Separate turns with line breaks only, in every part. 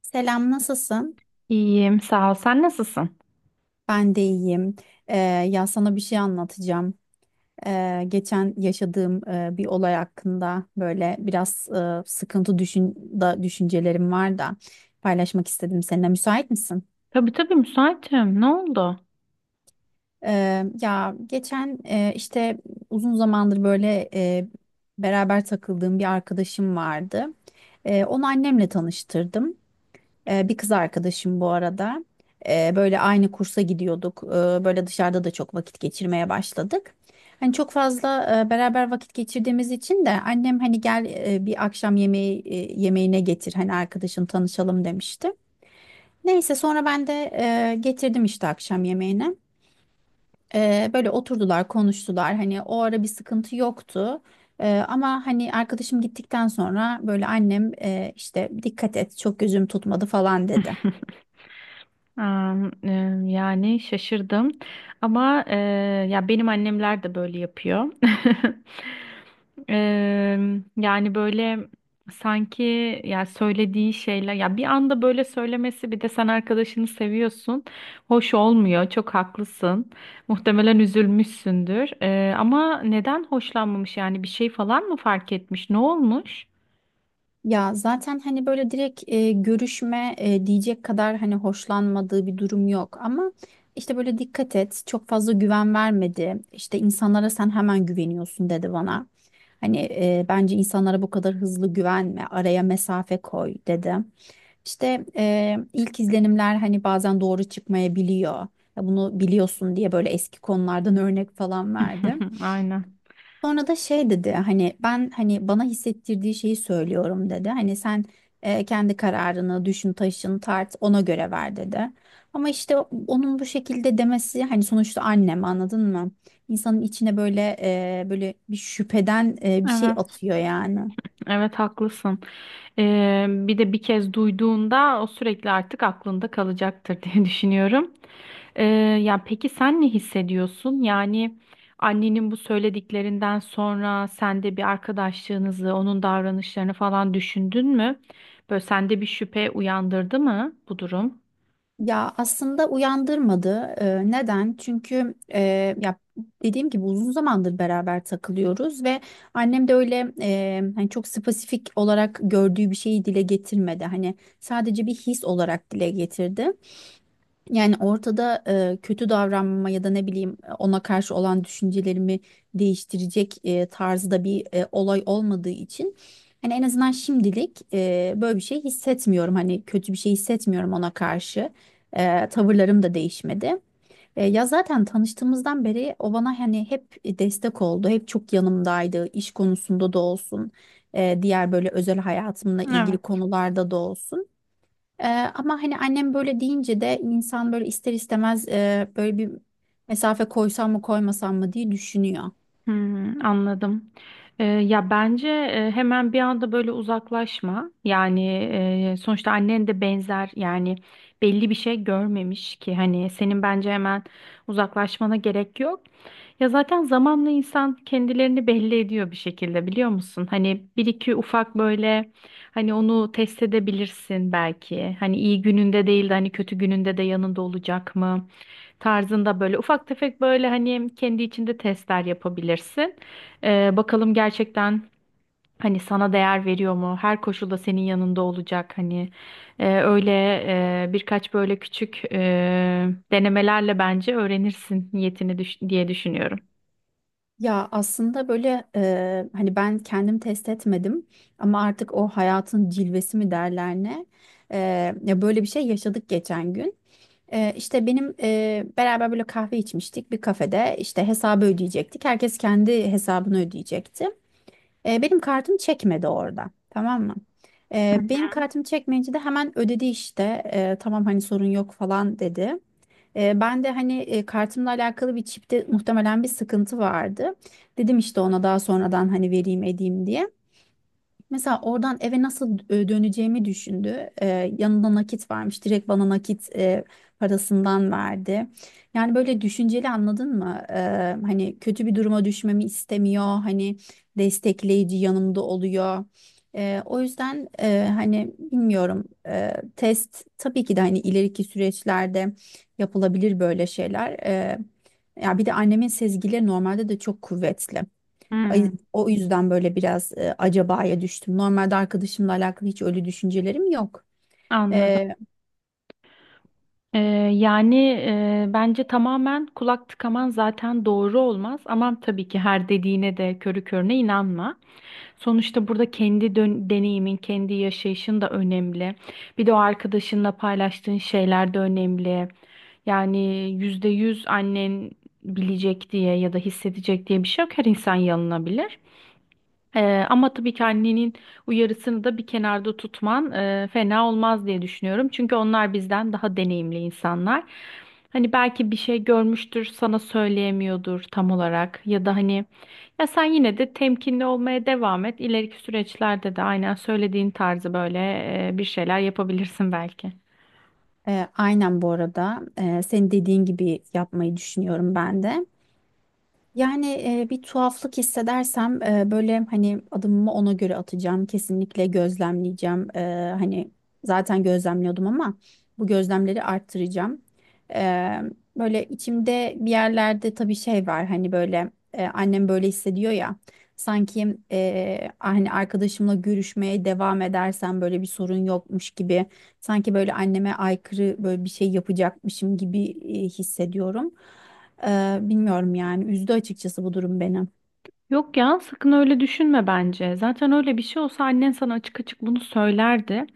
Selam, nasılsın?
İyiyim, sağ ol. Sen nasılsın?
Ben de iyiyim. Ya sana bir şey anlatacağım. Geçen yaşadığım bir olay hakkında böyle biraz sıkıntı düşün da düşüncelerim var da paylaşmak istedim seninle. Müsait misin?
Tabii müsaitim. Ne oldu?
Ya geçen işte uzun zamandır böyle beraber takıldığım bir arkadaşım vardı. Onu annemle tanıştırdım. Bir kız arkadaşım bu arada. Böyle aynı kursa gidiyorduk. Böyle dışarıda da çok vakit geçirmeye başladık. Hani çok fazla beraber vakit geçirdiğimiz için de annem hani gel bir akşam yemeği yemeğine getir hani arkadaşın tanışalım demişti. Neyse sonra ben de getirdim işte akşam yemeğine. Böyle oturdular, konuştular. Hani o ara bir sıkıntı yoktu. Ama hani arkadaşım gittikten sonra böyle annem işte dikkat et çok gözüm tutmadı falan dedi.
Am, e, Yani şaşırdım ama ya benim annemler de böyle yapıyor. E, Yani böyle sanki ya söylediği şeyler ya bir anda böyle söylemesi, bir de sen arkadaşını seviyorsun. Hoş olmuyor. Çok haklısın. Muhtemelen üzülmüşsündür. Ama neden hoşlanmamış, yani bir şey falan mı fark etmiş? Ne olmuş?
Ya zaten hani böyle direkt görüşme diyecek kadar hani hoşlanmadığı bir durum yok ama işte böyle dikkat et çok fazla güven vermedi işte insanlara sen hemen güveniyorsun dedi bana hani bence insanlara bu kadar hızlı güvenme araya mesafe koy dedi işte ilk izlenimler hani bazen doğru çıkmayabiliyor. Ya bunu biliyorsun diye böyle eski konulardan örnek falan verdi.
Aynen.
Sonra da şey dedi hani ben hani bana hissettirdiği şeyi söylüyorum dedi. Hani sen kendi kararını düşün taşın tart ona göre ver dedi. Ama işte onun bu şekilde demesi hani sonuçta annem anladın mı? İnsanın içine böyle böyle bir şüpheden bir şey
Evet,
atıyor yani.
evet haklısın. Bir de bir kez duyduğunda o sürekli artık aklında kalacaktır diye düşünüyorum. Ee, Ya peki sen ne hissediyorsun? Yani annenin bu söylediklerinden sonra sen de bir arkadaşlığınızı, onun davranışlarını falan düşündün mü? Böyle sende bir şüphe uyandırdı mı bu durum?
Ya aslında uyandırmadı. Neden? Çünkü ya dediğim gibi uzun zamandır beraber takılıyoruz ve annem de öyle hani çok spesifik olarak gördüğü bir şeyi dile getirmedi. Hani sadece bir his olarak dile getirdi. Yani ortada kötü davranma ya da ne bileyim ona karşı olan düşüncelerimi değiştirecek tarzda bir olay olmadığı için hani en azından şimdilik böyle bir şey hissetmiyorum. Hani kötü bir şey hissetmiyorum ona karşı. Tavırlarım da değişmedi. Ya zaten tanıştığımızdan beri o bana hani hep destek oldu. Hep çok yanımdaydı. İş konusunda da olsun, diğer böyle özel hayatımla ilgili
Evet.
konularda da olsun. Ee, Ama hani annem böyle deyince de insan böyle ister istemez böyle bir mesafe koysam mı koymasam mı diye düşünüyor.
Hmm, anladım. Ya bence hemen bir anda böyle uzaklaşma. Yani sonuçta annen de benzer, yani belli bir şey görmemiş ki, hani senin bence hemen uzaklaşmana gerek yok. Ya zaten zamanla insan kendilerini belli ediyor bir şekilde, biliyor musun? Hani bir iki ufak böyle, hani onu test edebilirsin belki. Hani iyi gününde değil de hani kötü gününde de yanında olacak mı? Tarzında böyle ufak tefek böyle hani kendi içinde testler yapabilirsin. Bakalım gerçekten hani sana değer veriyor mu? Her koşulda senin yanında olacak hani. Öyle birkaç böyle küçük denemelerle bence öğrenirsin niyetini diye düşünüyorum.
Ya aslında böyle hani ben kendim test etmedim ama artık o hayatın cilvesi mi derler ne? E, Ya böyle bir şey yaşadık geçen gün. İşte benim beraber böyle kahve içmiştik bir kafede. İşte hesabı ödeyecektik. Herkes kendi hesabını ödeyecekti. Benim kartım çekmedi orada. Tamam mı? Benim kartım çekmeyince de hemen ödedi işte. Tamam hani sorun yok falan dedi. Ben de hani kartımla alakalı bir çipte muhtemelen bir sıkıntı vardı. Dedim işte ona daha sonradan hani vereyim edeyim diye. Mesela oradan eve nasıl döneceğimi düşündü. Yanında nakit varmış. Direkt bana nakit parasından verdi. Yani böyle düşünceli anladın mı? Hani kötü bir duruma düşmemi istemiyor. Hani destekleyici yanımda oluyor. O yüzden hani bilmiyorum. Test tabii ki de hani ileriki süreçlerde yapılabilir böyle şeyler. Ya bir de annemin sezgileri normalde de çok kuvvetli.
Hmm,
O yüzden böyle biraz acabaya düştüm. Normalde arkadaşımla alakalı hiç öyle düşüncelerim yok.
anladım.
E,
Ee, Yani bence tamamen kulak tıkaman zaten doğru olmaz, ama tabii ki her dediğine de körü körüne inanma. Sonuçta burada deneyimin, kendi yaşayışın da önemli. Bir de o arkadaşınla paylaştığın şeyler de önemli. Yani yüzde yüz annen bilecek diye ya da hissedecek diye bir şey yok. Her insan yanılabilir. Ama tabii ki annenin uyarısını da bir kenarda tutman fena olmaz diye düşünüyorum. Çünkü onlar bizden daha deneyimli insanlar. Hani belki bir şey görmüştür, sana söyleyemiyordur tam olarak, ya da hani ya sen yine de temkinli olmaya devam et. İleriki süreçlerde de aynen söylediğin tarzı böyle bir şeyler yapabilirsin belki.
aynen bu arada. Senin dediğin gibi yapmayı düşünüyorum ben de. Yani bir tuhaflık hissedersem böyle hani adımımı ona göre atacağım. Kesinlikle gözlemleyeceğim. Hani zaten gözlemliyordum ama bu gözlemleri arttıracağım. E, Böyle içimde bir yerlerde tabii şey var hani böyle annem böyle hissediyor ya. Sanki hani arkadaşımla görüşmeye devam edersem böyle bir sorun yokmuş gibi. Sanki böyle anneme aykırı böyle bir şey yapacakmışım gibi hissediyorum. Bilmiyorum yani üzdü açıkçası bu durum beni.
Yok ya, sakın öyle düşünme bence. Zaten öyle bir şey olsa annen sana açık açık bunu söylerdi.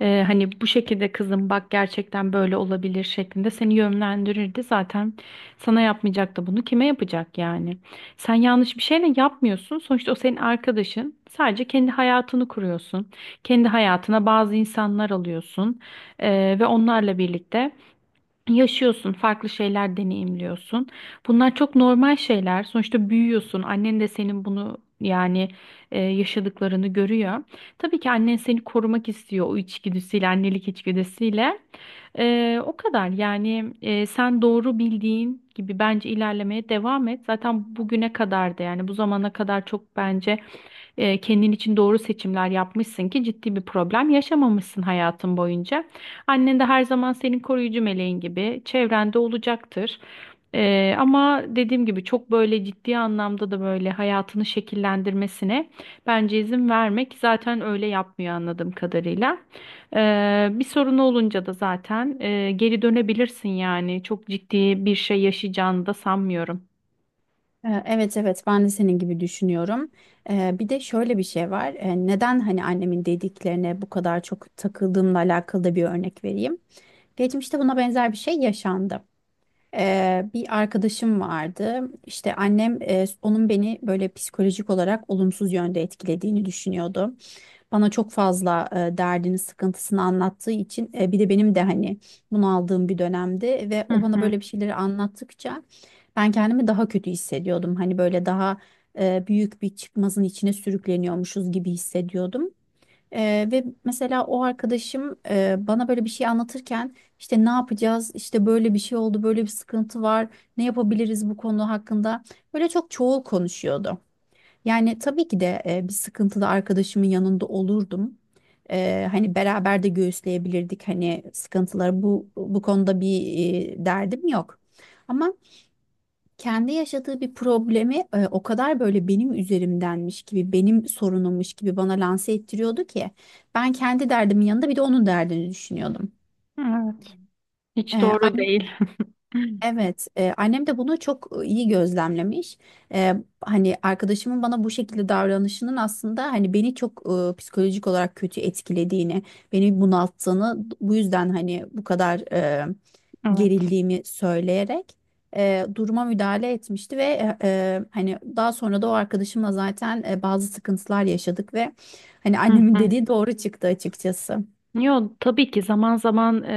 Hani bu şekilde kızım bak gerçekten böyle olabilir şeklinde seni yönlendirirdi. Zaten sana yapmayacak da bunu kime yapacak yani? Sen yanlış bir şeyle yapmıyorsun. Sonuçta o senin arkadaşın. Sadece kendi hayatını kuruyorsun. Kendi hayatına bazı insanlar alıyorsun. Ve onlarla birlikte yaşıyorsun, farklı şeyler deneyimliyorsun. Bunlar çok normal şeyler. Sonuçta büyüyorsun. Annen de senin bunu yani yaşadıklarını görüyor. Tabii ki annen seni korumak istiyor o içgüdüsüyle, annelik içgüdüsüyle. O kadar yani, sen doğru bildiğin gibi bence ilerlemeye devam et. Zaten bugüne kadar da yani bu zamana kadar çok bence kendin için doğru seçimler yapmışsın ki ciddi bir problem yaşamamışsın hayatın boyunca. Annen de her zaman senin koruyucu meleğin gibi çevrende olacaktır. Ama dediğim gibi çok böyle ciddi anlamda da böyle hayatını şekillendirmesine bence izin vermek, zaten öyle yapmıyor anladığım kadarıyla. Bir sorun olunca da zaten geri dönebilirsin, yani çok ciddi bir şey yaşayacağını da sanmıyorum.
Evet, evet, ben de senin gibi düşünüyorum. Bir de şöyle bir şey var. Neden hani annemin dediklerine bu kadar çok takıldığımla alakalı da bir örnek vereyim. Geçmişte buna benzer bir şey yaşandı. Bir arkadaşım vardı. İşte annem onun beni böyle psikolojik olarak olumsuz yönde etkilediğini düşünüyordu. Bana çok fazla derdini, sıkıntısını anlattığı için bir de benim de hani bunu aldığım bir dönemde ve
Hı
o bana
hı.
böyle bir şeyleri anlattıkça ben kendimi daha kötü hissediyordum. Hani böyle daha büyük bir çıkmazın içine sürükleniyormuşuz gibi hissediyordum. Ve mesela o arkadaşım bana böyle bir şey anlatırken işte ne yapacağız, işte böyle bir şey oldu, böyle bir sıkıntı var, ne yapabiliriz bu konu hakkında böyle çok çoğul konuşuyordu. Yani tabii ki de bir sıkıntılı arkadaşımın yanında olurdum. Hani beraber de göğüsleyebilirdik hani sıkıntıları bu konuda bir derdim yok. Ama kendi yaşadığı bir problemi o kadar böyle benim üzerimdenmiş gibi, benim sorunummuş gibi bana lanse ettiriyordu ki ben kendi derdimin yanında bir de onun derdini düşünüyordum.
Evet.
E,
Hiç doğru değil.
Evet, annem de bunu çok iyi gözlemlemiş. E, Hani arkadaşımın bana bu şekilde davranışının aslında hani beni çok psikolojik olarak kötü etkilediğini, beni bunalttığını, bu yüzden hani bu kadar
Evet.
gerildiğimi söyleyerek duruma müdahale etmişti ve hani daha sonra da o arkadaşımla zaten bazı sıkıntılar yaşadık ve hani
Hı
annemin
hı.
dediği doğru çıktı açıkçası.
Yok tabii ki zaman zaman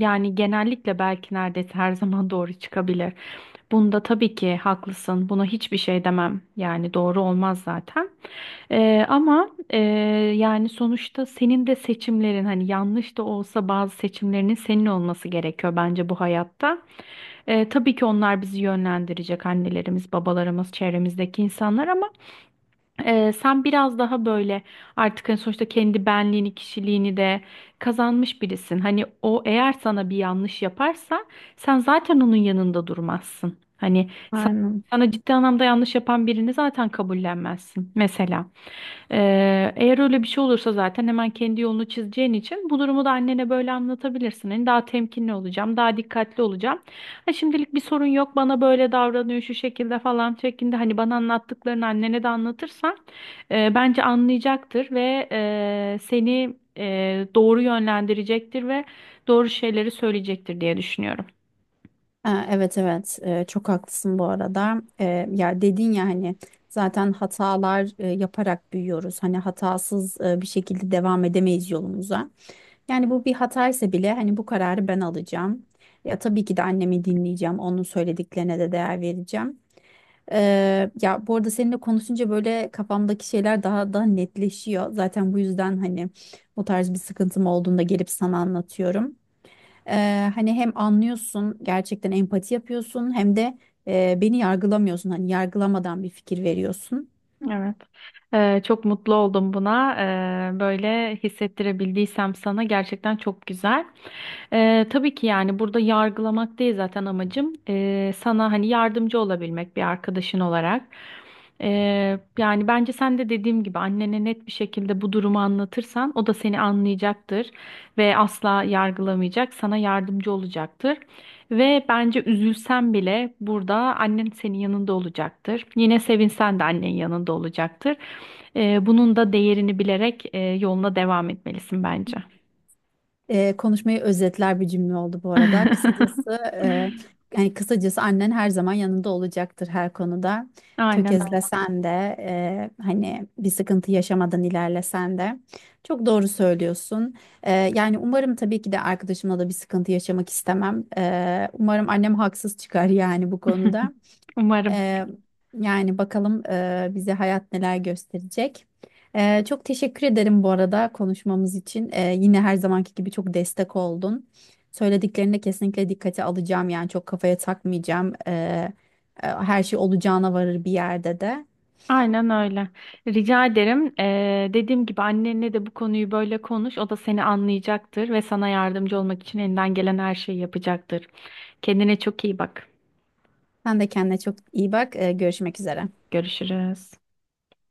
yani genellikle belki neredeyse her zaman doğru çıkabilir. Bunda tabii ki haklısın. Buna hiçbir şey demem. Yani doğru olmaz zaten. Ama yani sonuçta senin de seçimlerin hani yanlış da olsa bazı seçimlerinin senin olması gerekiyor bence bu hayatta. Tabii ki onlar bizi yönlendirecek, annelerimiz, babalarımız, çevremizdeki insanlar, ama sen biraz daha böyle artık hani sonuçta kendi benliğini, kişiliğini de kazanmış birisin. Hani o eğer sana bir yanlış yaparsa sen zaten onun yanında durmazsın.
Aynen.
Sana ciddi anlamda yanlış yapan birini zaten kabullenmezsin mesela. Eğer öyle bir şey olursa zaten hemen kendi yolunu çizeceğin için bu durumu da annene böyle anlatabilirsin. Hani daha temkinli olacağım, daha dikkatli olacağım. Ha, şimdilik bir sorun yok, bana böyle davranıyor şu şekilde falan şeklinde hani bana anlattıklarını annene de anlatırsan bence anlayacaktır ve seni doğru yönlendirecektir ve doğru şeyleri söyleyecektir diye düşünüyorum.
Ha, Evet, evet. Çok haklısın bu arada. Ya dedin ya hani zaten hatalar yaparak büyüyoruz. Hani hatasız bir şekilde devam edemeyiz yolumuza. Yani bu bir hataysa bile hani bu kararı ben alacağım. Ya tabii ki de annemi dinleyeceğim. Onun söylediklerine de değer vereceğim. Ya bu arada seninle konuşunca böyle kafamdaki şeyler daha da netleşiyor. Zaten bu yüzden hani bu tarz bir sıkıntım olduğunda gelip sana anlatıyorum. Hani hem anlıyorsun gerçekten empati yapıyorsun hem de beni yargılamıyorsun hani yargılamadan bir fikir veriyorsun.
Evet. Çok mutlu oldum buna. Böyle hissettirebildiysem sana gerçekten çok güzel. Tabii ki yani burada yargılamak değil zaten amacım. Sana hani yardımcı olabilmek bir arkadaşın olarak. Yani bence sen de dediğim gibi annene net bir şekilde bu durumu anlatırsan o da seni anlayacaktır ve asla yargılamayacak, sana yardımcı olacaktır. Ve bence üzülsen bile burada annen senin yanında olacaktır. Yine sevinsen de annen yanında olacaktır. Bunun da değerini bilerek yoluna devam etmelisin bence.
Konuşmayı özetler bir cümle oldu bu arada. Kısacası yani kısacası annen her zaman yanında olacaktır her konuda.
Aynen öyle.
Tökezlesen de hani bir sıkıntı yaşamadan ilerlesen de çok doğru söylüyorsun. Yani umarım tabii ki de arkadaşımla da bir sıkıntı yaşamak istemem. Umarım annem haksız çıkar yani bu konuda.
Umarım.
Ee, Yani bakalım bize hayat neler gösterecek. Çok teşekkür ederim bu arada konuşmamız için. Yine her zamanki gibi çok destek oldun. Söylediklerini de kesinlikle dikkate alacağım. Yani çok kafaya takmayacağım. Her şey olacağına varır bir yerde de.
Aynen öyle. Rica ederim. Dediğim gibi annenle de bu konuyu böyle konuş. O da seni anlayacaktır ve sana yardımcı olmak için elinden gelen her şeyi yapacaktır. Kendine çok iyi bak.
Sen de kendine çok iyi bak. Görüşmek üzere.
Görüşürüz.